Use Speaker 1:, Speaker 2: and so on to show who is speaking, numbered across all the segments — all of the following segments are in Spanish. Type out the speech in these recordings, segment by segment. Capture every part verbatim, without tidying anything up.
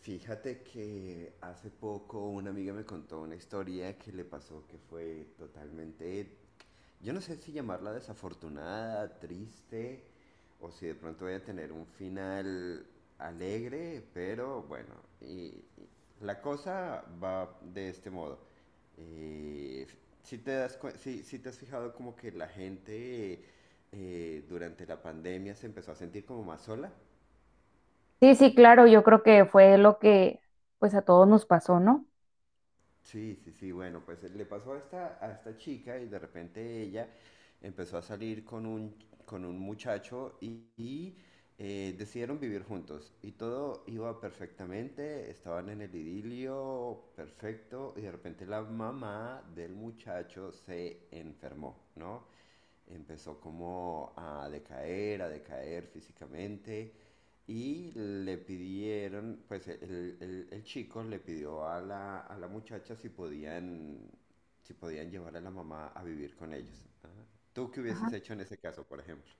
Speaker 1: Fíjate que hace poco una amiga me contó una historia que le pasó que fue totalmente, yo no sé si llamarla desafortunada, triste, o si de pronto voy a tener un final alegre, pero bueno, y, y la cosa va de este modo. Eh, si te das cuen- si, si te has fijado como que la gente eh, durante la pandemia se empezó a sentir como más sola.
Speaker 2: Sí, sí, claro, yo creo que fue lo que pues a todos nos pasó, ¿no?
Speaker 1: Sí, sí, sí, bueno, pues eh, le pasó a esta, a esta chica y de repente ella empezó a salir con un, con un muchacho y, y, eh, decidieron vivir juntos y todo iba perfectamente, estaban en el idilio perfecto y de repente la mamá del muchacho se enfermó, ¿no? Empezó como a decaer, a decaer físicamente y le pidieron, pues el, el- el chico le pidió a la, a la muchacha si podían, si podían llevar a la mamá a vivir con ellos. Ajá. ¿Tú qué
Speaker 2: Ajá.
Speaker 1: hubieses hecho en ese caso, por ejemplo?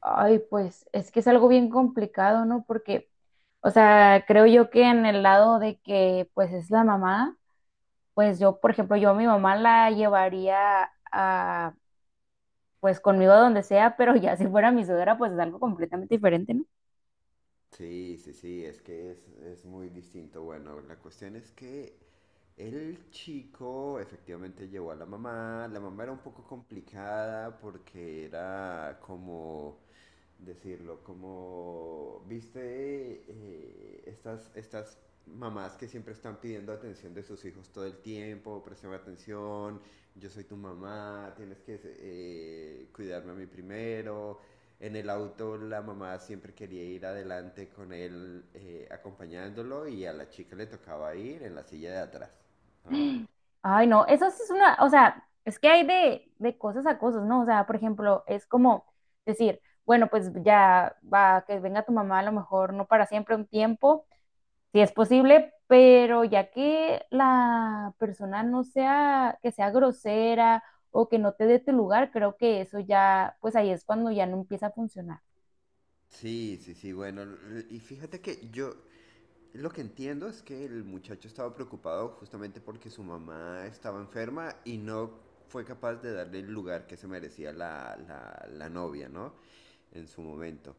Speaker 2: Ay, pues es que es algo bien complicado, ¿no? Porque, o sea, creo yo que en el lado de que pues es la mamá, pues yo, por ejemplo, yo a mi mamá la llevaría a pues conmigo a donde sea, pero ya si fuera mi suegra, pues es algo completamente diferente, ¿no?
Speaker 1: Sí, sí, sí, es que es, es muy distinto. Bueno, la cuestión es que el chico efectivamente llevó a la mamá. La mamá era un poco complicada porque era como decirlo, como, viste, eh, estas, estas mamás que siempre están pidiendo atención de sus hijos todo el tiempo, presión atención, yo soy tu mamá, tienes que eh, cuidarme a mí primero. En el auto la mamá siempre quería ir adelante con él eh, acompañándolo y a la chica le tocaba ir en la silla de atrás, ¿no?
Speaker 2: Ay, no, eso sí es una, o sea, es que hay de, de cosas a cosas, ¿no? O sea, por ejemplo, es como decir, bueno, pues ya va, que venga tu mamá a lo mejor no para siempre un tiempo, si es posible, pero ya que la persona no sea, que sea grosera o que no te dé tu lugar, creo que eso ya, pues ahí es cuando ya no empieza a funcionar.
Speaker 1: Sí, sí, sí, bueno, y fíjate que yo. Lo que entiendo es que el muchacho estaba preocupado justamente porque su mamá estaba enferma y no fue capaz de darle el lugar que se merecía la, la, la novia, ¿no? En su momento.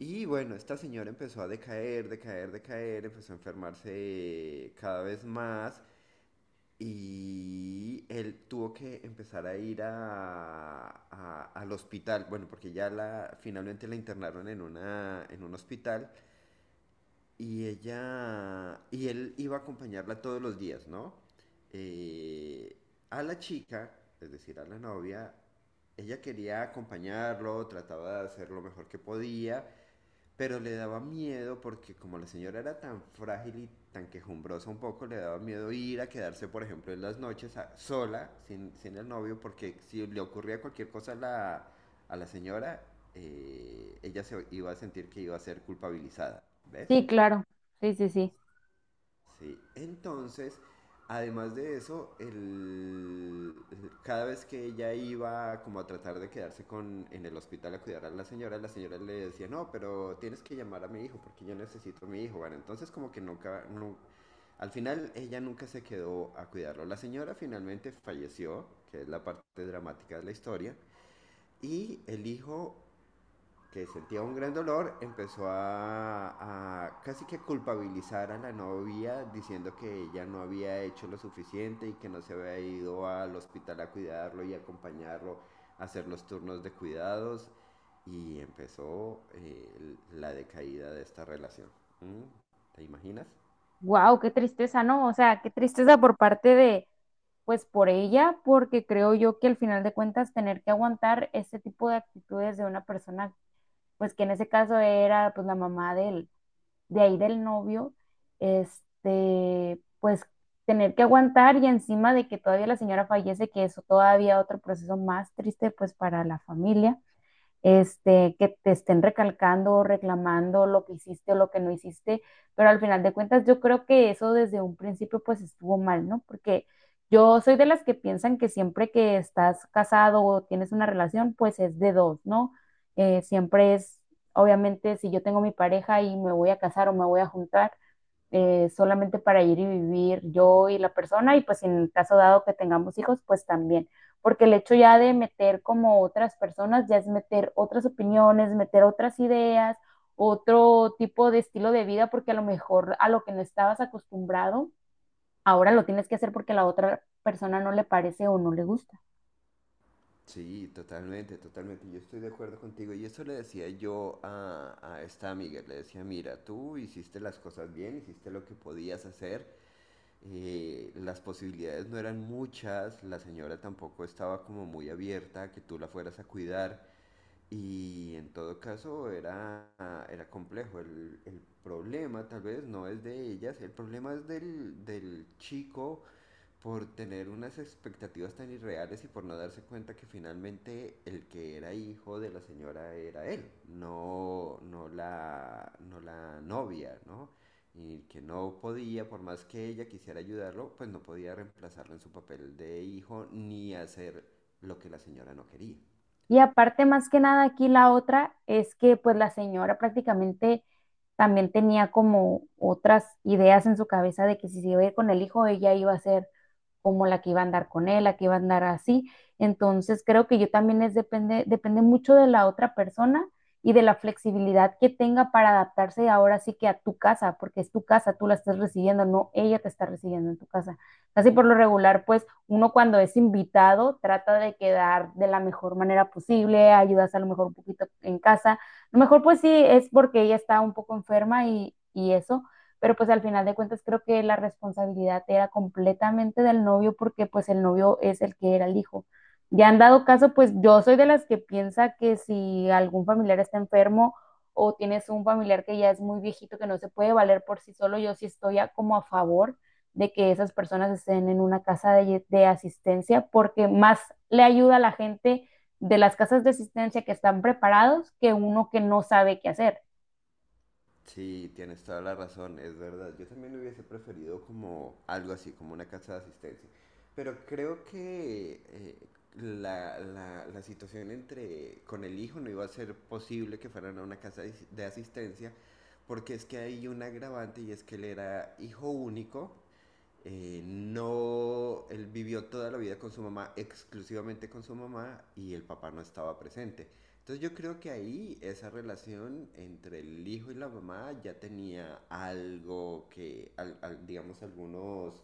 Speaker 1: Y bueno, esta señora empezó a decaer, decaer, decaer, empezó a enfermarse cada vez más y él tuvo que empezar a ir a, a- al hospital, bueno, porque ya la, finalmente la internaron en, una, en un hospital y ella, y él iba a acompañarla todos los días, ¿no? Eh, a la chica, es decir, a la novia, ella quería acompañarlo, trataba de hacer lo mejor que podía, pero le daba miedo porque como la señora era tan frágil y tan quejumbrosa un poco, le daba miedo ir a quedarse, por ejemplo, en las noches a- sola, sin, sin el novio, porque si le ocurría cualquier cosa a la, a la señora, eh, ella se iba a sentir que iba a ser culpabilizada, ¿ves?
Speaker 2: Sí, claro, sí, sí, sí.
Speaker 1: Sí, entonces, además de eso, el, cada vez que ella iba como a tratar de quedarse con, en el hospital a cuidar a la señora, la señora le decía, no, pero tienes que llamar a mi hijo porque yo necesito a mi hijo. Bueno, entonces como que nunca, nu- al final ella nunca se quedó a cuidarlo. La señora finalmente falleció, que es la parte dramática de la historia, y el hijo que sentía un gran dolor, empezó a, a casi que culpabilizar a la novia diciendo que ella no había hecho lo suficiente y que no se había ido al hospital a cuidarlo y acompañarlo a hacer los turnos de cuidados y empezó eh, la decaída de esta relación. ¿Mm? ¿Te imaginas?
Speaker 2: Wow, qué tristeza, ¿no? O sea, qué tristeza por parte de, pues por ella, porque creo yo que al final de cuentas tener que aguantar este tipo de actitudes de una persona, pues que en ese caso era pues la mamá del, de ahí del novio, este, pues tener que aguantar y encima de que todavía la señora fallece, que eso todavía otro proceso más triste pues para la familia este, que te estén recalcando o reclamando lo que hiciste o lo que no hiciste, pero al final de cuentas yo creo que eso desde un principio pues estuvo mal, ¿no? Porque yo soy de las que piensan que siempre que estás casado o tienes una relación pues es de dos, ¿no? Eh, siempre es, obviamente, si yo tengo mi pareja y me voy a casar o me voy a juntar, eh, solamente para ir y vivir yo y la persona y pues en el caso dado que tengamos hijos, pues también, porque el hecho ya de meter como otras personas, ya es meter otras opiniones, meter otras ideas, otro tipo de estilo de vida, porque a lo mejor a lo que no estabas acostumbrado, ahora lo tienes que hacer porque a la otra persona no le parece o no le gusta.
Speaker 1: Sí, totalmente, totalmente. Yo estoy de acuerdo contigo. Y eso le decía yo a, a esta amiga. Le decía, mira, tú hiciste las cosas bien, hiciste lo que podías hacer. eh, las posibilidades no eran muchas, la señora tampoco estaba como muy abierta a que tú la fueras a cuidar y en todo caso era, era complejo. El, el problema tal vez no es de ellas, el problema es del, del chico por tener unas expectativas tan irreales y por no darse cuenta que finalmente el que era hijo de la señora era él, no, no, la, no la novia, ¿no? Y que no podía, por más que ella quisiera ayudarlo, pues no podía reemplazarlo en su papel de hijo ni hacer lo que la señora no quería.
Speaker 2: Y aparte, más que nada, aquí la otra es que pues la señora prácticamente también tenía como otras ideas en su cabeza de que si se iba a ir con el hijo, ella iba a ser como la que iba a andar con él, la que iba a andar así. Entonces creo que yo también es depende, depende mucho de la otra persona y de la flexibilidad que tenga para adaptarse ahora sí que a tu casa, porque es tu casa, tú la estás recibiendo, no ella te está recibiendo en tu casa. Casi por lo regular, pues uno cuando es invitado trata de quedar de la mejor manera posible, ayudas a lo mejor un poquito en casa. A lo mejor pues sí es porque ella está un poco enferma y, y eso, pero pues al final de cuentas creo que la responsabilidad era completamente del novio porque pues el novio es el que era el hijo. Ya han dado caso, pues yo soy de las que piensa que si algún familiar está enfermo o tienes un familiar que ya es muy viejito que no se puede valer por sí solo, yo sí estoy a, como a favor de que esas personas estén en una casa de, de asistencia porque más le ayuda a la gente de las casas de asistencia que están preparados que uno que no sabe qué hacer.
Speaker 1: Sí, tienes toda la razón, es verdad. Yo también lo hubiese preferido como algo así, como una casa de asistencia. Pero creo que eh, la, la- la situación entre con el hijo no iba a ser posible que fueran a una casa de de asistencia, porque es que hay un agravante y es que él era hijo único eh, no, él vivió toda la vida con su mamá, exclusivamente con su mamá, y el papá no estaba presente. Entonces yo creo que ahí esa relación entre el hijo y la mamá ya tenía algo que, al- al- digamos, algunos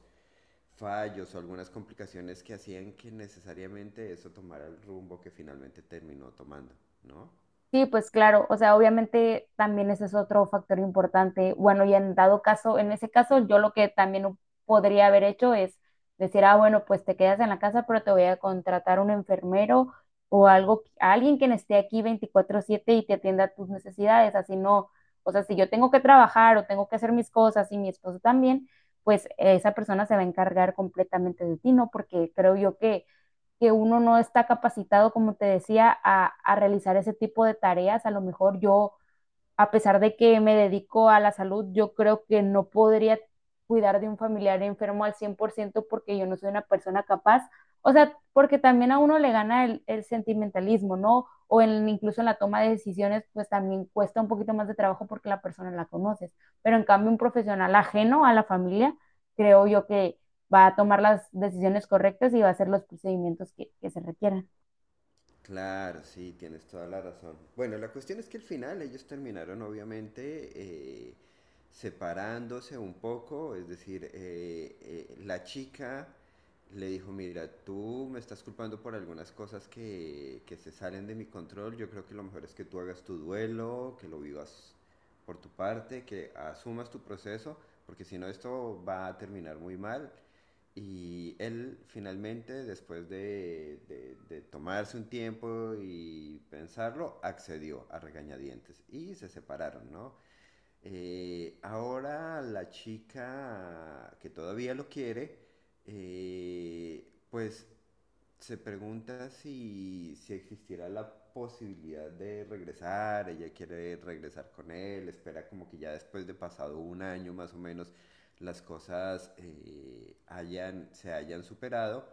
Speaker 1: fallos o algunas complicaciones que hacían que necesariamente eso tomara el rumbo que finalmente terminó tomando, ¿no?
Speaker 2: Sí, pues claro, o sea, obviamente también ese es otro factor importante. Bueno, y en dado caso, en ese caso, yo lo que también podría haber hecho es decir, ah, bueno, pues te quedas en la casa, pero te voy a contratar un enfermero o algo, a alguien que esté aquí veinticuatro siete y te atienda tus necesidades, así no. O sea, si yo tengo que trabajar o tengo que hacer mis cosas y mi esposo también, pues esa persona se va a encargar completamente de ti, ¿no? Porque creo yo que que uno no está capacitado, como te decía, a, a realizar ese tipo de tareas. A lo mejor yo a pesar de que me dedico a la salud, yo creo que no podría cuidar de un familiar enfermo al cien por ciento porque yo no soy una persona capaz. O sea, porque también a uno le gana el, el sentimentalismo, ¿no? O en, incluso en la toma de decisiones, pues también cuesta un poquito más de trabajo porque la persona la conoces. Pero en cambio, un profesional ajeno a la familia, creo yo que va a tomar las decisiones correctas y va a hacer los procedimientos que, que se requieran.
Speaker 1: Claro, sí, tienes toda la razón. Bueno, la cuestión es que al final ellos terminaron obviamente eh, separándose un poco, es decir, eh, eh, la chica le dijo, mira, tú me estás culpando por algunas cosas que, que se salen de mi control, yo creo que lo mejor es que tú hagas tu duelo, que lo vivas por tu parte, que asumas tu proceso, porque si no esto va a terminar muy mal. Y él finalmente, después de, de- de tomarse un tiempo y pensarlo, accedió a regañadientes y se separaron, ¿no? Eh, ahora la chica que todavía lo quiere, eh, pues se pregunta si, si existiera la posibilidad de regresar, ella quiere regresar con él, espera como que ya después de pasado un año más o menos las cosas eh, hayan, se hayan superado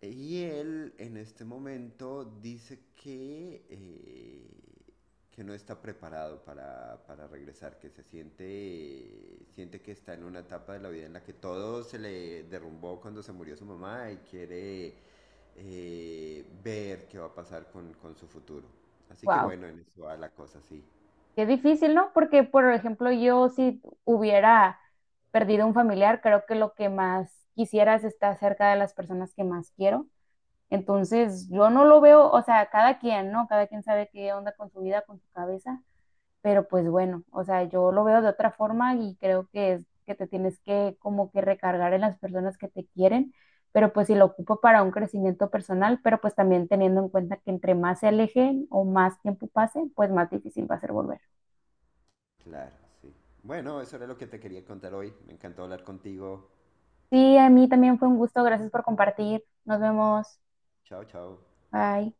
Speaker 1: y él en este momento dice que, eh, que no está preparado para, para regresar, que se siente, eh, siente que está en una etapa de la vida en la que todo se le derrumbó cuando se murió su mamá y quiere eh, ver qué va a pasar con, con su futuro. Así que
Speaker 2: Wow.
Speaker 1: bueno, en eso va la cosa, sí.
Speaker 2: Qué difícil, ¿no? Porque, por ejemplo, yo si hubiera perdido un familiar, creo que lo que más quisiera es estar cerca de las personas que más quiero. Entonces, yo no lo veo, o sea, cada quien, ¿no? Cada quien sabe qué onda con su vida, con su cabeza, pero pues bueno, o sea, yo lo veo de otra forma y creo que es que te tienes que como que recargar en las personas que te quieren, pero pues si lo ocupo para un crecimiento personal, pero pues también teniendo en cuenta que entre más se alejen o más tiempo pase, pues más difícil va a ser volver.
Speaker 1: Claro, sí. Bueno, eso era lo que te quería contar hoy. Me encantó hablar contigo.
Speaker 2: Sí, a mí también fue un gusto. Gracias por compartir. Nos vemos.
Speaker 1: Chao, chao.
Speaker 2: Bye.